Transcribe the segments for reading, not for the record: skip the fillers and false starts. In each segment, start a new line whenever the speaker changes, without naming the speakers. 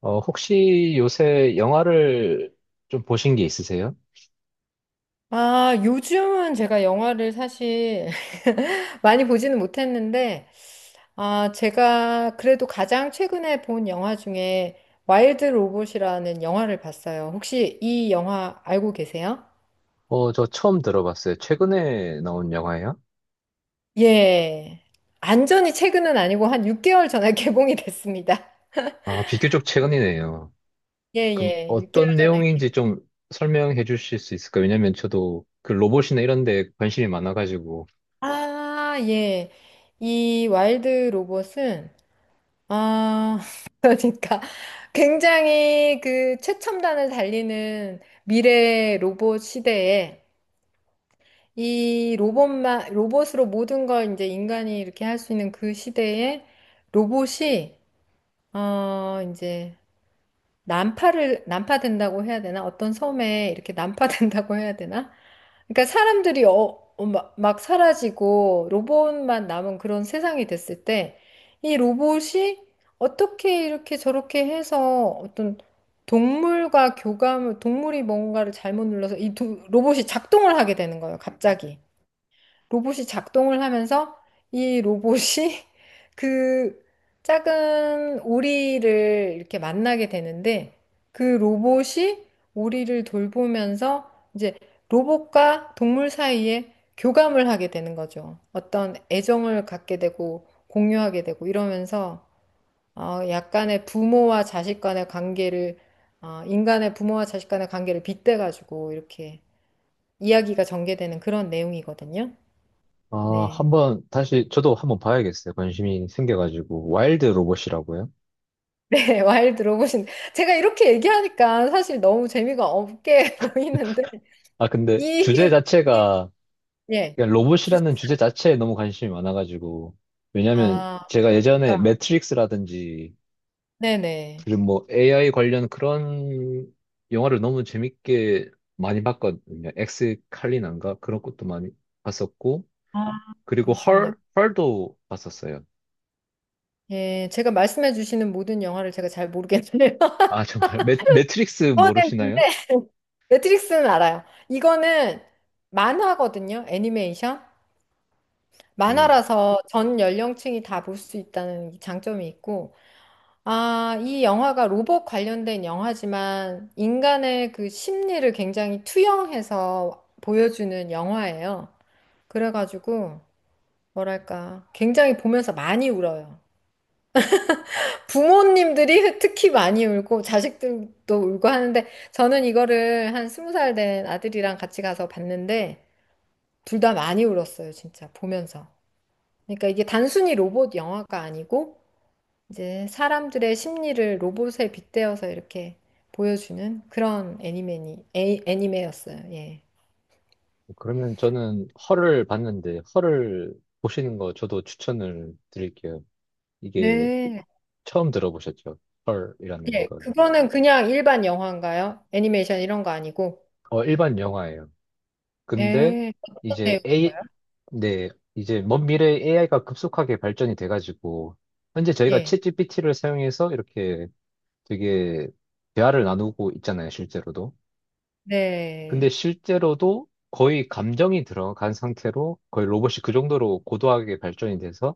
어, 혹시 요새 영화를 좀 보신 게 있으세요?
아, 요즘은 제가 영화를 사실 많이 보지는 못했는데, 제가 그래도 가장 최근에 본 영화 중에 와일드 로봇이라는 영화를 봤어요. 혹시 이 영화 알고 계세요?
어, 저 처음 들어봤어요. 최근에 나온 영화예요?
예. 완전히 최근은 아니고 한 6개월 전에 개봉이 됐습니다.
아, 비교적 최근이네요.
예,
그럼
예. 6개월
어떤
전에.
내용인지 좀 설명해 주실 수 있을까요? 왜냐면 저도 그 로봇이나 이런 데 관심이 많아가지고,
아, 예. 이 와일드 로봇은 아, 그러니까 굉장히 그 최첨단을 달리는 미래 로봇 시대에 로봇으로 모든 걸 이제 인간이 이렇게 할 수 있는 그 시대에 로봇이, 어, 이제 난파된다고 해야 되나? 어떤 섬에 이렇게 난파된다고 해야 되나? 그러니까 사람들이 막 사라지고 로봇만 남은 그런 세상이 됐을 때 이 로봇이 어떻게 이렇게 저렇게 해서 동물이 뭔가를 잘못 눌러서 로봇이 작동을 하게 되는 거예요, 갑자기. 로봇이 작동을 하면서 이 로봇이 그 작은 오리를 이렇게 만나게 되는데 그 로봇이 오리를 돌보면서 이제 로봇과 동물 사이에 교감을 하게 되는 거죠. 어떤 애정을 갖게 되고 공유하게 되고 이러면서 어, 약간의 부모와 자식 간의 관계를 어, 인간의 부모와 자식 간의 관계를 빗대가지고 이렇게 이야기가 전개되는 그런 내용이거든요.
아,
네.
한번 다시, 저도 한번 봐야겠어요. 관심이 생겨가지고. 와일드 로봇이라고요?
네, 와일드 로봇인 제가 이렇게 얘기하니까 사실 너무 재미가 없게 보이는데
아, 근데 주제
이, 이-
자체가,
예.
그러니까
주제.
로봇이라는 주제 자체에 너무 관심이 많아가지고, 왜냐면
아,
제가 예전에
그러니까,
매트릭스라든지
네네.
그리고 뭐 AI 관련 그런 영화를 너무 재밌게 많이 봤거든요. 엑스 칼리난가 그런 것도 많이 봤었고
아,
그리고
그러시군요.
헐 헐도 봤었어요.
예, 제가 말씀해 주시는 모든 영화를 제가 잘 모르겠네요.
아, 정말 매트릭스
이거는,
모르시나요?
근데 매트릭스는 알아요. 이거는 만화거든요, 애니메이션.
음
만화라서 전 연령층이 다 볼 수 있다는 장점이 있고, 아, 이 영화가 로봇 관련된 영화지만 인간의 그 심리를 굉장히 투영해서 보여주는 영화예요. 그래가지고, 뭐랄까, 굉장히 보면서 많이 울어요. 부모님들이 특히 많이 울고, 자식들도 울고 하는데, 저는 이거를 한 20살 된 아들이랑 같이 가서 봤는데, 둘 다 많이 울었어요, 진짜, 보면서. 그러니까 이게 단순히 로봇 영화가 아니고, 이제 사람들의 심리를 로봇에 빗대어서 이렇게 보여주는 그런 애니메였어요. 예.
그러면 저는 헐을 봤는데 헐을 보시는 거 저도 추천을 드릴게요. 이게
네.
처음 들어보셨죠? 헐이라는
예,
걸.
그거는 그냥 일반 영화인가요? 애니메이션 이런 거 아니고?
어, 일반 영화예요. 근데
예, 어떤
이제
내용인가요?
네, 이제 먼 미래에 AI가 급속하게 발전이 돼가지고 현재 저희가
예.
챗GPT를 사용해서 이렇게 되게 대화를 나누고 있잖아요, 실제로도. 근데
네.
실제로도 거의 감정이 들어간 상태로 거의 로봇이 그 정도로 고도하게 발전이 돼서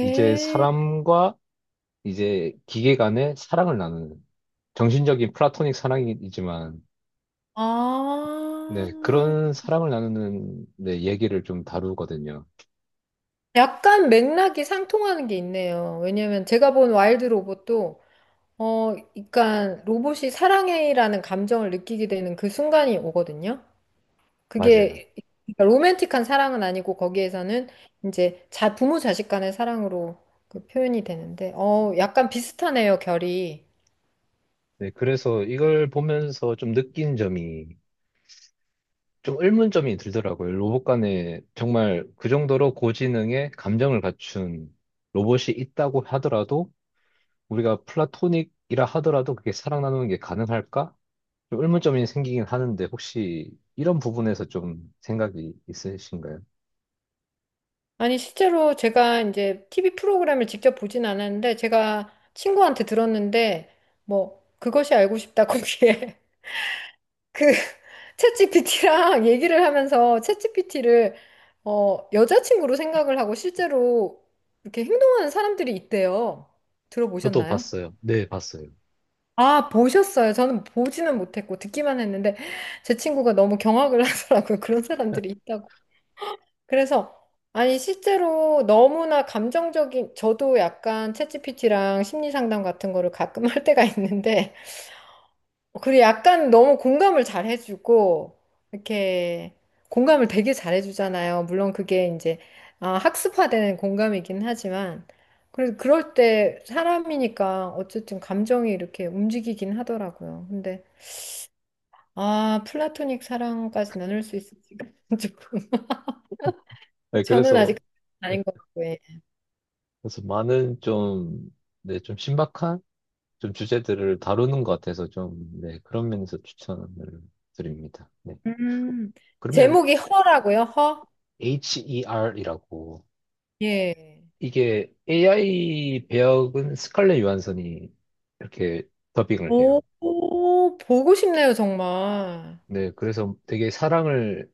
이제 사람과 이제 기계 간의 사랑을 나누는 정신적인 플라토닉 사랑이지만,
아.
네, 그런 사랑을 나누는, 네, 얘기를 좀 다루거든요.
약간 맥락이 상통하는 게 있네요. 왜냐면 제가 본 와일드 로봇도 어, 그러니까 로봇이 사랑해라는 감정을 느끼게 되는 그 순간이 오거든요.
맞아요.
그게 그러니까 로맨틱한 사랑은 아니고 거기에서는 이제 자 부모 자식 간의 사랑으로 그 표현이 되는데 어 약간 비슷하네요 결이.
네, 그래서 이걸 보면서 좀 느낀 점이, 좀 의문점이 들더라고요. 로봇 간에 정말 그 정도로 고지능의 감정을 갖춘 로봇이 있다고 하더라도, 우리가 플라토닉이라 하더라도 그게 사랑 나누는 게 가능할까? 좀 의문점이 생기긴 하는데, 혹시 이런 부분에서 좀 생각이 있으신가요?
아니, 실제로 제가 이제 TV 프로그램을 직접 보진 않았는데 제가 친구한테 들었는데 뭐 그것이 알고 싶다 거기에 그 챗GPT랑 얘기를 하면서 챗GPT를 어 여자친구로 생각을 하고 실제로 이렇게 행동하는 사람들이 있대요.
저도
들어보셨나요?
봤어요. 네, 봤어요.
아, 보셨어요? 저는 보지는 못했고 듣기만 했는데 제 친구가 너무 경악을 하더라고요. 그런 사람들이 있다고. 그래서 아니 실제로 너무나 감정적인, 저도 약간 챗GPT랑 심리 상담 같은 거를 가끔 할 때가 있는데 그리고 약간 너무 공감을 잘 해주고 이렇게 공감을 되게 잘 해주잖아요. 물론 그게 이제 아, 학습화되는 공감이긴 하지만 그래도 그럴 때 사람이니까 어쨌든 감정이 이렇게 움직이긴 하더라고요. 근데 아, 플라토닉 사랑까지 나눌 수 있을지가 조금.
네,
저는
그래서,
아직 아닌 것 같고, 예.
많은 좀, 네, 좀 신박한 좀 주제들을 다루는 것 같아서 좀, 네, 그런 면에서 추천을 드립니다. 네.
음,
그러면
제목이 허라고요, 허?
HER이라고,
예.
이게 AI 배역은 스칼렛 요한슨이 이렇게 더빙을 해요.
오, 오, 보고 싶네요, 정말.
네, 그래서 되게 사랑을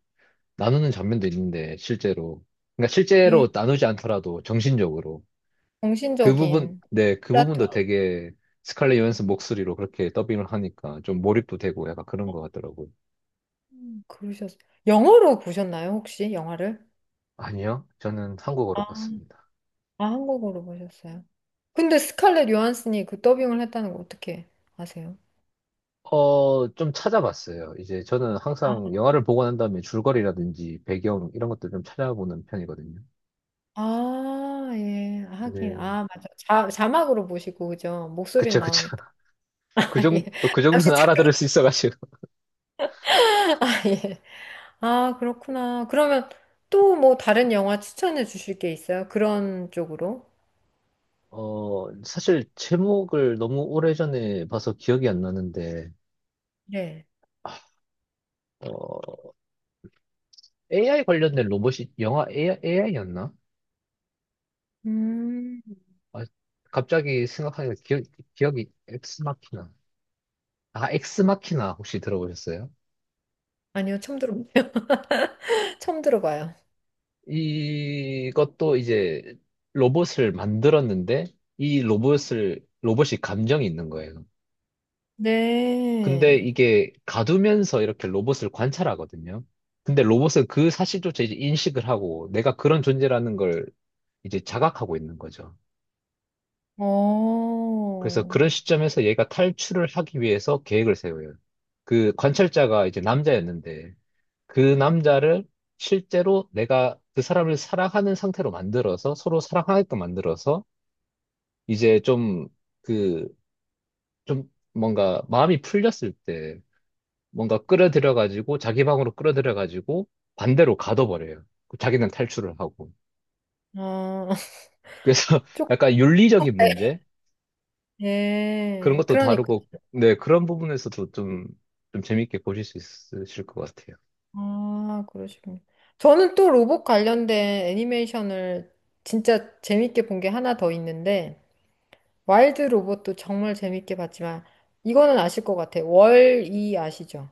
나누는 장면도 있는데 실제로, 그러니까
예,
실제로 나누지 않더라도 정신적으로 그 부분,
정신적인
네, 그 부분도
플라토닉.
되게 스칼렛 요한슨 목소리로 그렇게 더빙을 하니까 좀 몰입도 되고 약간 그런 것 같더라고요.
그러셨어요. 영어로 보셨나요, 혹시 영화를?
아니요, 저는
아,
한국어로 봤습니다.
아, 한국어로 보셨어요. 근데 스칼렛 요한슨이 그 더빙을 했다는 거 어떻게 아세요?
어, 좀 찾아봤어요. 이제 저는 항상 영화를 보고 난 다음에 줄거리라든지 배경 이런 것들 좀 찾아보는 편이거든요.
아, 예. 하긴.
네.
아, 맞아. 자막으로 보시고, 그죠? 목소리는
그쵸, 그쵸.
나오니까.
그
아, 예.
정도, 그
잠시
정도는
잠깐.
알아들을 수 있어가지고.
아, 예. 아, 그렇구나. 그러면 또 뭐 다른 영화 추천해 주실 게 있어요? 그런 쪽으로?
어, 사실 제목을 너무 오래전에 봐서 기억이 안 나는데,
네.
어, AI 관련된 로봇이 영화 AI, AI였나?
음,
아, 갑자기 생각하니까 기억이 엑스마키나. 아, 엑스마키나 혹시 들어보셨어요?
아니요. 처음 들어봐요. 처음 들어봐요.
이것도 이제 로봇을 만들었는데 이 로봇을 로봇이 감정이 있는 거예요. 근데
네.
이게 가두면서 이렇게 로봇을 관찰하거든요. 근데 로봇은 그 사실조차 이제 인식을 하고 내가 그런 존재라는 걸 이제 자각하고 있는 거죠. 그래서
어,
그런 시점에서 얘가 탈출을 하기 위해서 계획을 세워요. 그 관찰자가 이제 남자였는데 그 남자를 실제로 내가 그 사람을 사랑하는 상태로 만들어서 서로 사랑하게끔 만들어서 이제 좀 그, 좀 뭔가 마음이 풀렸을 때 뭔가 끌어들여가지고 자기 방으로 끌어들여가지고 반대로 가둬버려요. 그 자기는 탈출을 하고.
아,
그래서
조금,
약간 윤리적인 문제? 그런
네
것도
그러니까.
다루고, 네, 그런 부분에서도 좀, 재밌게 보실 수 있으실 것 같아요.
아, 그러시군요. 저는 또 로봇 관련된 애니메이션을 진짜 재밌게 본 게 하나 더 있는데, 와일드 로봇도 정말 재밌게 봤지만, 이거는 아실 것 같아요. 월이 아시죠?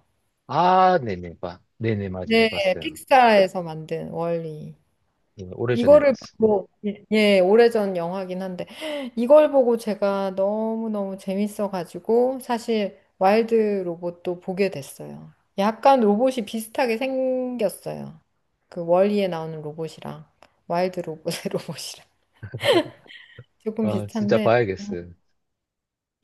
아, 네네, 봐. 네네, 맞아요.
네,
봤어요.
픽사에서 만든 월이.
네, 오래전에
이거를
봤습니다.
보고, 예, 예, 오래전 영화긴 한데, 이걸 보고 제가 너무너무 재밌어가지고, 사실 와일드 로봇도 보게 됐어요. 약간 로봇이 비슷하게 생겼어요. 그 월리에 나오는 로봇이랑, 와일드 로봇의 로봇이랑. 조금
아, 진짜
비슷한데,
봐야겠어요.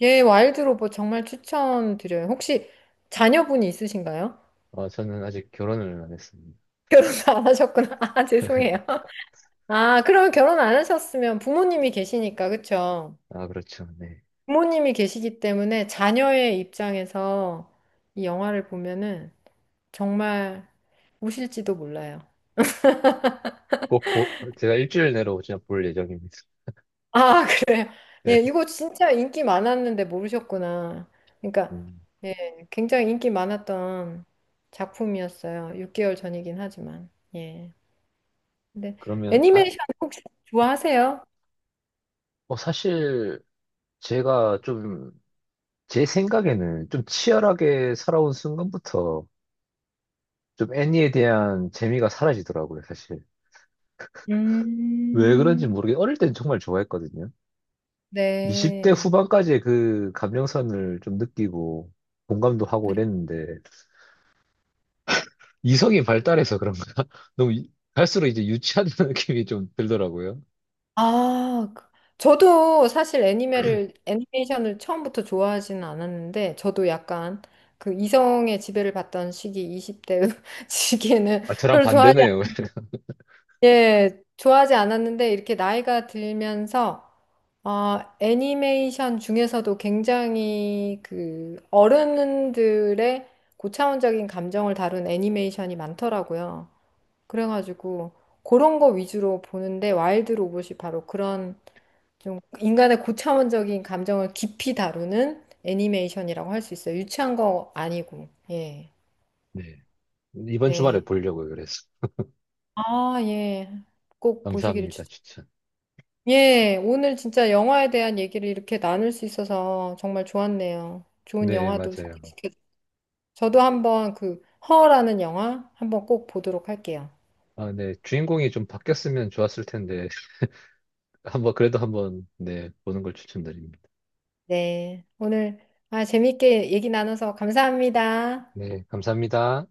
예, 와일드 로봇 정말 추천드려요. 혹시 자녀분이 있으신가요?
아, 저는 아직 결혼을 안 했습니다.
결혼도 안 하셨구나. 아, 죄송해요. 아, 그러면 결혼 안 하셨으면 부모님이 계시니까, 그쵸?
아, 그렇죠. 네.
부모님이 계시기 때문에 자녀의 입장에서 이 영화를 보면은 정말 우실지도 몰라요.
제가 일주일 내로 진짜 볼 예정입니다.
아, 그래요? 예,
네.
이거 진짜 인기 많았는데 모르셨구나. 그러니까,
음,
예, 굉장히 인기 많았던 작품이었어요. 6개월 전이긴 하지만. 예. 근데
그러면, 아,
애니메이션 혹시 좋아하세요?
어, 사실 제가 좀, 제 생각에는 좀 치열하게 살아온 순간부터 좀 애니에 대한 재미가 사라지더라고요, 사실. 왜 그런지
음,
모르게 어릴 땐 정말 좋아했거든요. 20대
네.
후반까지의 그 감정선을 좀 느끼고 공감도 하고 이랬는데 이성이 발달해서 그런가? 너무 갈수록 이제 유치한 느낌이 좀 들더라고요.
아, 그- 저도 사실 애니메를 애니메이션을 처음부터 좋아하지는 않았는데 저도 약간 그 이성의 지배를 받던 시기 20대 시기에는
아, 저랑
별로 좋아하지
반대네요.
않- 예, 좋아하지 않았는데 이렇게 나이가 들면서 어, 애니메이션 중에서도 굉장히 그 어른들의 고차원적인 감정을 다룬 애니메이션이 많더라고요. 그래가지고 그런 거 위주로 보는데 와일드 로봇이 바로 그런 좀 인간의 고차원적인 감정을 깊이 다루는 애니메이션이라고 할 수 있어요. 유치한 거 아니고. 예.
네. 이번 주말에
네.
보려고요, 그래서.
아, 예. 꼭 보시기를
감사합니다,
추천.
추천.
예. 오늘 진짜 영화에 대한 얘기를 이렇게 나눌 수 있어서 정말 좋았네요. 좋은
네,
영화도
맞아요.
소개시켜. 저도 한번 그 허라는 영화 한번 꼭 보도록 할게요.
아, 네. 주인공이 좀 바뀌었으면 좋았을 텐데, 한번, 그래도 한번, 네, 보는 걸 추천드립니다.
네. 오늘 아, 재밌게 얘기 나눠서 감사합니다.
네, 감사합니다.